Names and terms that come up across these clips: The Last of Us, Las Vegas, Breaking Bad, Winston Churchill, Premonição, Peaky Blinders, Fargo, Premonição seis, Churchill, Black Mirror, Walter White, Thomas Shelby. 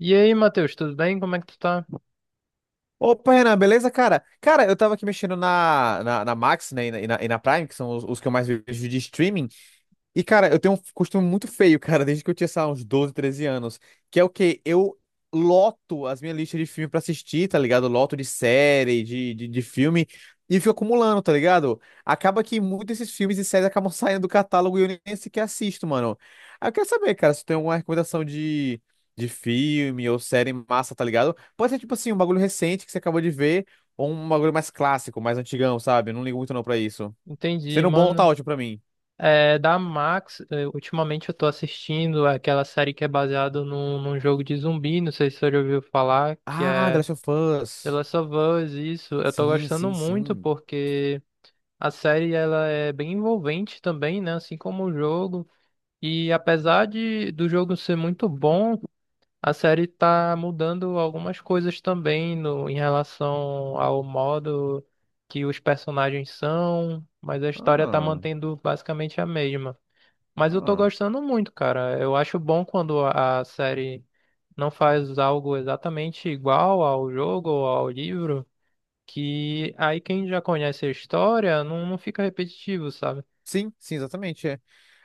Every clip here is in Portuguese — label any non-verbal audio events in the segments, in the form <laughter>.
E aí, Matheus, tudo bem? Como é que tu tá? Opa, Renan, beleza, cara? Cara, eu tava aqui mexendo na Max, né, e na Prime, que são os que eu mais vejo de streaming, e, cara, eu tenho um costume muito feio, cara, desde que eu tinha, sei lá, uns 12, 13 anos. Que é o quê? Eu loto as minhas listas de filme pra assistir, tá ligado? Loto de série, de filme, e fico acumulando, tá ligado? Acaba que muitos desses filmes e séries acabam <laughs> saindo do catálogo e eu nem sequer assisto, mano. Aí eu quero saber, cara, se tu tem alguma recomendação de filme ou série massa, tá ligado? Pode ser, tipo assim, um bagulho recente que você acabou de ver, ou um bagulho mais clássico, mais antigão, sabe? Eu não ligo muito não pra isso. Entendi, Sendo bom, tá mano. ótimo pra mim. É, da Max, é, ultimamente eu tô assistindo aquela série que é baseada num jogo de zumbi, não sei se você já ouviu falar, que Ah, The é Last of The Us. Last of Us, isso. Eu tô Sim, gostando sim, muito sim. porque a série ela é bem envolvente também, né? Assim como o jogo. E apesar de do jogo ser muito bom, a série tá mudando algumas coisas também no, em relação ao modo que os personagens são, mas a história tá Ah, mantendo basicamente a mesma. Mas eu tô ah. gostando muito, cara. Eu acho bom quando a série não faz algo exatamente igual ao jogo ou ao livro, que aí quem já conhece a história não fica repetitivo, sabe? Sim, sim, exatamente. É.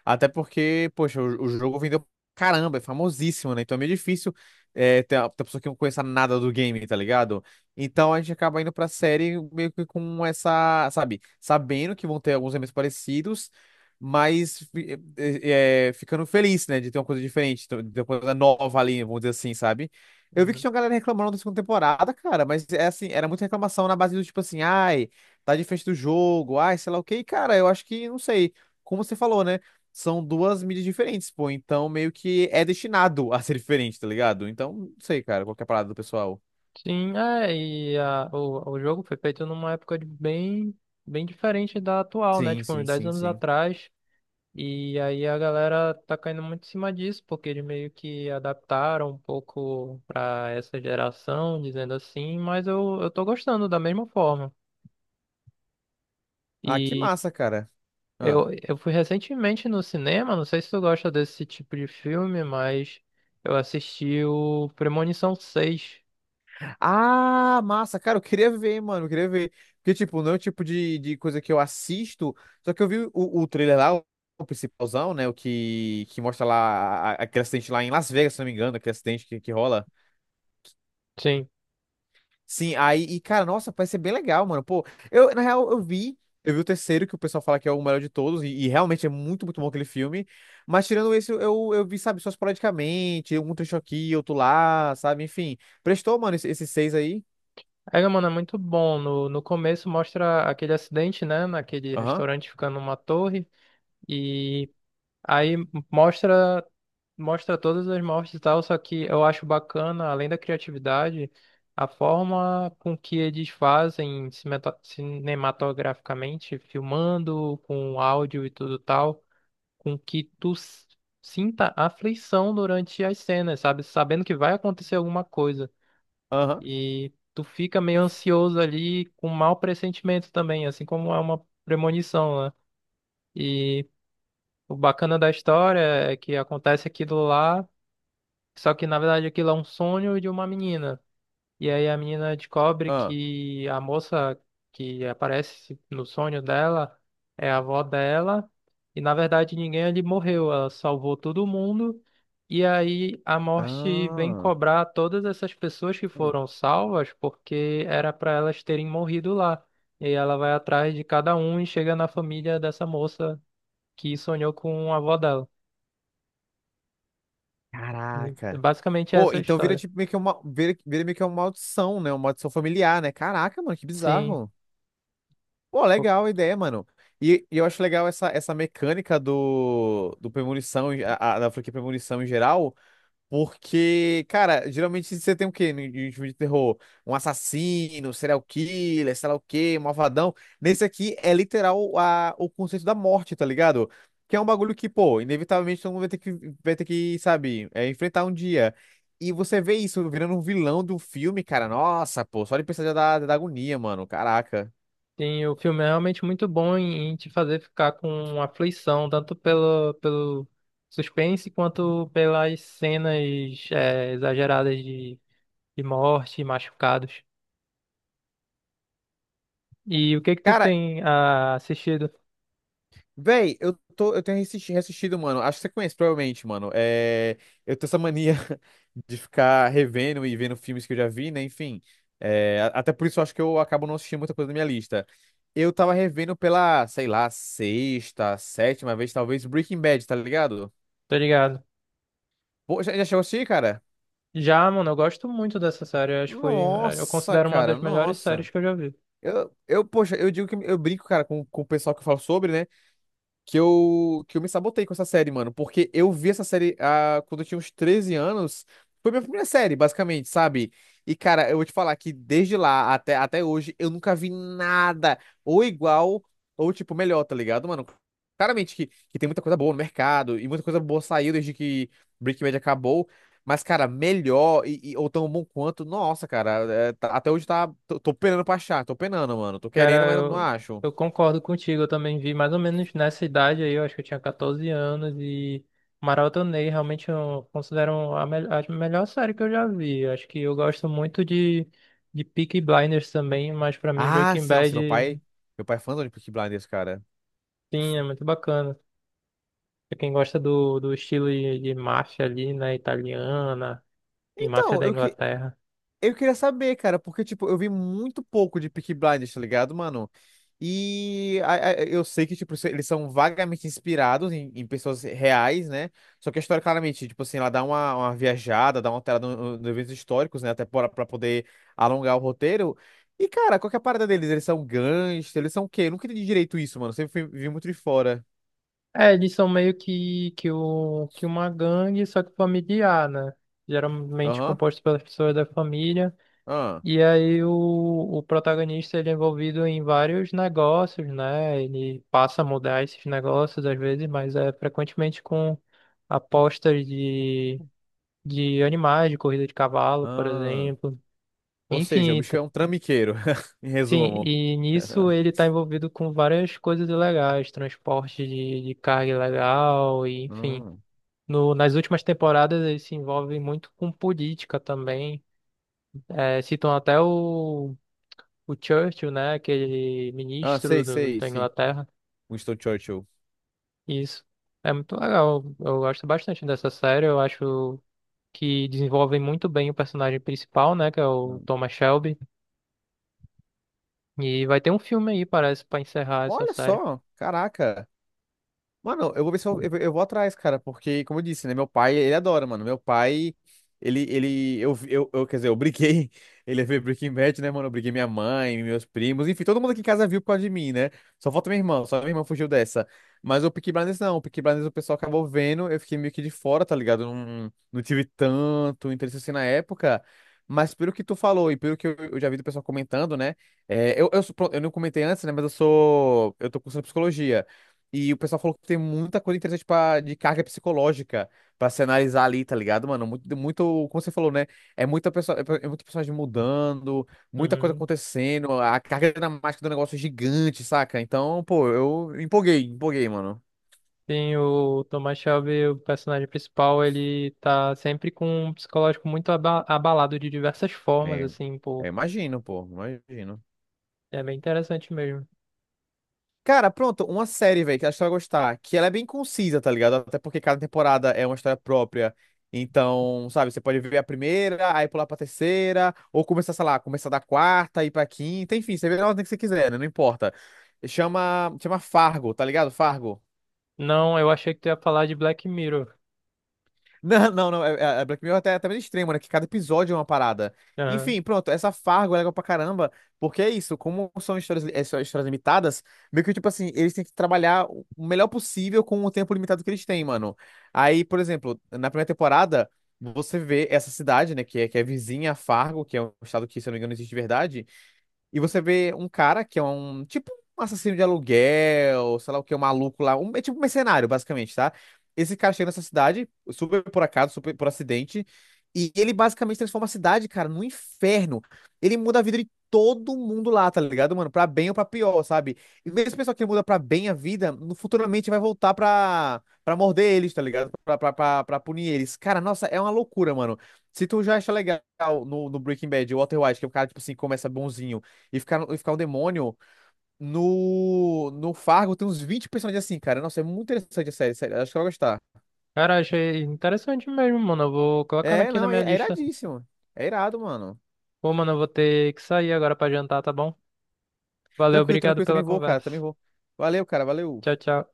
Até porque, poxa, o jogo vendeu pra caramba, é famosíssimo, né? Então é meio difícil ter a pessoa que não conheça nada do game, tá ligado? Então a gente acaba indo pra série meio que com essa, sabe, sabendo que vão ter alguns elementos parecidos, mas ficando feliz, né? De ter uma coisa diferente, de ter uma coisa nova ali, vamos dizer assim, sabe? Eu vi que tinha uma galera reclamando da segunda temporada, cara, mas é assim, era muita reclamação na base do tipo assim, ai tá de frente do jogo, ai, sei lá o quê. E, cara, eu acho que, não sei, como você falou, né? São duas mídias diferentes, pô. Então, meio que é destinado <laughs> a ser diferente, tá ligado? Então, não sei, cara, qual que é a parada do pessoal. Sim, é, e a, o jogo foi feito numa época de bem, bem diferente da atual, né? Sim, Tipo, uns sim, 10 sim, anos sim. atrás. E aí a galera tá caindo muito em cima disso, porque eles meio que adaptaram um pouco pra essa geração, dizendo assim, mas eu tô gostando da mesma forma. Ah, que E massa, cara. Ah. eu fui recentemente no cinema, não sei se tu gosta desse tipo de filme, mas eu assisti o Premonição 6. Ah, massa, cara, eu queria ver, mano, eu queria ver. Porque, tipo, não é o tipo de coisa que eu assisto, só que eu vi o trailer lá, o principalzão, né, que mostra lá aquele acidente lá em Las Vegas, se não me engano, aquele acidente que rola. Sim. Sim, aí, e cara, nossa, parece ser bem legal, mano. Pô, eu, na real, eu vi o terceiro, que o pessoal fala que é o melhor de todos, e realmente é muito, muito bom aquele filme. Mas tirando esse, eu vi, sabe, só esporadicamente, um trecho aqui, outro lá, sabe, enfim. Prestou, mano, esses seis aí? É, mano, é muito bom. No começo mostra aquele acidente, né? Naquele Aham, restaurante ficando numa torre. E aí mostra, mostra todas as mortes e tal, só que eu acho bacana, além da criatividade, a forma com que eles fazem cinematograficamente, filmando com áudio e tudo tal. Com que sinta aflição durante as cenas, sabe? Sabendo que vai acontecer alguma coisa. aham, E tu fica meio ansioso ali, com mau pressentimento também, assim como é uma premonição, né? E o bacana da história é que acontece aquilo lá, só que na verdade aquilo é um sonho de uma menina. E aí a menina descobre aham. que a moça que aparece no sonho dela é a avó dela. E na verdade ninguém ali morreu, ela salvou todo mundo. E aí a morte vem Ah, cobrar todas essas pessoas que foram salvas porque era para elas terem morrido lá. E ela vai atrás de cada um e chega na família dessa moça que sonhou com a avó dela. E caraca. basicamente Pô, essa é a então vira história. tipo meio que uma, vira meio que uma maldição, né? Uma maldição familiar, né? Caraca, mano, que Sim. bizarro. Pô, legal a ideia, mano. E eu acho legal essa mecânica do Premonição, da franquia Premonição em geral, porque, cara, geralmente você tem o quê em filme de terror? Um assassino, serial killer, sei lá o quê, um malvadão. Nesse aqui é literal o conceito da morte, tá ligado? Que é um bagulho que, pô, inevitavelmente todo mundo vai ter que, sabe, enfrentar um dia. E você vê isso virando um vilão do filme, cara. Nossa, pô, só de pensar já dá, dá agonia, mano. Caraca. Sim, o filme é realmente muito bom em, em te fazer ficar com aflição, tanto pelo, pelo suspense quanto pelas cenas exageradas de morte e machucados. E o que que tu Cara, tem assistido? Véi, eu tenho assistido, reassistido, mano. Acho que você conhece, provavelmente, mano. Eu tenho essa mania <laughs> de ficar revendo e vendo filmes que eu já vi, né? Enfim. Até por isso eu acho que eu acabo não assistindo muita coisa da minha lista. Eu tava revendo pela, sei lá, sexta, sétima vez, talvez, Breaking Bad, tá ligado? Tá ligado? Pô, já, já chegou a assistir, cara? Já, mano, eu gosto muito dessa série. Eu acho que foi, eu Nossa, considero uma cara, das melhores nossa. séries que eu já vi. Poxa, eu digo que eu brinco, cara, com o pessoal que eu falo sobre, né? Que eu me sabotei com essa série, mano. Porque eu vi essa série quando eu tinha uns 13 anos. Foi minha primeira série, basicamente, sabe? E, cara, eu vou te falar que desde lá até hoje eu nunca vi nada ou igual ou, tipo, melhor, tá ligado, mano? Claramente que tem muita coisa boa no mercado e muita coisa boa saiu desde que Breaking Bad acabou. Mas, cara, melhor ou tão bom quanto, nossa, cara, até hoje tá. Tô penando pra achar, tô penando, mano. Tô Cara, querendo, mas não eu, acho. eu concordo contigo. Eu também vi mais ou menos nessa idade aí, eu acho que eu tinha 14 anos e maratonei. Realmente eu considero a, a melhor série que eu já vi. Eu acho que eu gosto muito de Peaky Blinders também, mas pra mim Ah, Breaking sim, nossa, meu Bad, pai. Meu pai é fãzão de Peaky Blinders, cara. sim, é muito bacana. Pra quem gosta do, do estilo de máfia ali, né, italiana e máfia Então, da eu, que, Inglaterra. eu queria saber, cara, porque, tipo, eu vi muito pouco de Peaky Blinders, tá ligado, mano? Eu sei que, tipo, eles são vagamente inspirados em pessoas reais, né? Só que a história, claramente, tipo assim, ela dá uma viajada, dá uma alterada nos eventos históricos, né? Até pra poder alongar o roteiro. E, cara, qual que é a parada deles? Eles são gangsters, eles são o quê? Eu nunca entendi direito isso, mano. Vi muito de fora. É, eles são meio que, o, que uma gangue, só que familiar, né? Geralmente Aham. composto pelas pessoas da família. Ah. E aí o protagonista ele é envolvido em vários negócios, né? Ele passa a mudar esses negócios às vezes, mas é frequentemente com apostas de animais, de corrida de cavalo, por Ah. exemplo. Ou seja, o Enfim, bicho tá- é um trambiqueiro, <laughs> em sim, resumo. e nisso ele <laughs> está envolvido com várias coisas ilegais, transporte de carga ilegal, e enfim. Hum, No, nas últimas temporadas ele se envolve muito com política também. É, citam até o Churchill, né? Aquele ah, ministro sei, sei, da sim. Inglaterra. Winston Churchill. Isso. É muito legal. Eu gosto bastante dessa série. Eu acho que desenvolvem muito bem o personagem principal, né? Que é o Hum. Thomas Shelby. E vai ter um filme aí, parece, pra encerrar essa Olha série. só, caraca. Mano, eu vou ver se eu vou atrás, cara, porque, como eu disse, né, meu pai, ele adora, mano. Meu pai, ele, eu, Quer dizer, eu briguei, <laughs> ele veio Breaking Bad, né, mano? Eu briguei minha mãe, meus primos, enfim, todo mundo aqui em casa viu por causa de mim, né? Só falta minha irmã, só minha irmã fugiu dessa. Mas o Peaky Blinders não, o Peaky Blinders o pessoal acabou vendo, eu fiquei meio que de fora, tá ligado? Não, não tive tanto interesse assim na época. Mas pelo que tu falou e pelo que eu já vi do pessoal comentando, né? Pronto, eu não comentei antes, né? Mas eu sou. Eu tô cursando psicologia. E o pessoal falou que tem muita coisa interessante pra, de carga psicológica pra se analisar ali, tá ligado, mano? Muito, muito, como você falou, né? É muita pessoa, é muito personagem mudando, muita coisa Uhum. acontecendo, a carga dramática do negócio é gigante, saca? Então, pô, eu empolguei, empolguei, mano. Tem o Thomas Shelby, o personagem principal, ele tá sempre com um psicológico muito abalado de diversas formas, É, assim, pô. imagino, pô, imagino. É bem interessante mesmo. Cara, pronto, uma série, velho, que acho que você vai gostar, que ela é bem concisa, tá ligado? Até porque cada temporada é uma história própria. Então, sabe, você pode ver a primeira, aí pular pra terceira, ou começar, sei lá, começar da quarta, ir pra quinta, enfim, você vê na ordem que você quiser, né? Não importa. Chama, chama Fargo, tá ligado? Fargo. Não, eu achei que tu ia falar de Black Mirror. Não, não, não. É Black Mirror até, até meio extremo, né? Que cada episódio é uma parada. Enfim, pronto. Essa Fargo é legal pra caramba, porque é isso. Como são histórias, são histórias limitadas, meio que, tipo assim, eles têm que trabalhar o melhor possível com o tempo limitado que eles têm, mano. Aí, por exemplo, na primeira temporada, você vê essa cidade, né? Que é vizinha a Fargo, que é um estado que, se eu não me engano, existe de verdade. E você vê um cara que é um tipo um assassino de aluguel, sei lá o que, um maluco lá, um, é tipo um mercenário, basicamente, tá? Esse cara chega nessa cidade, super por acaso, super por acidente, e ele basicamente transforma a cidade, cara, num inferno. Ele muda a vida de todo mundo lá, tá ligado, mano? Pra bem ou pra pior, sabe? E mesmo o pessoal que muda pra bem a vida, futuramente vai voltar pra morder eles, tá ligado? Pra punir eles. Cara, nossa, é uma loucura, mano. Se tu já acha legal no Breaking Bad, o Walter White, que é o cara, tipo assim, começa bonzinho e ficar um demônio. No Fargo tem uns 20 personagens assim, cara. Nossa, é muito interessante a série, sério. Acho que eu vou gostar. Cara, achei interessante mesmo, mano. Eu vou colocando É, aqui na não, é, minha é lista. iradíssimo. É irado, mano. Pô, mano, eu vou ter que sair agora pra jantar, tá bom? Valeu, Tranquilo, obrigado tranquilo, também pela vou, cara, também conversa. vou. Valeu, cara, valeu. Tchau, tchau.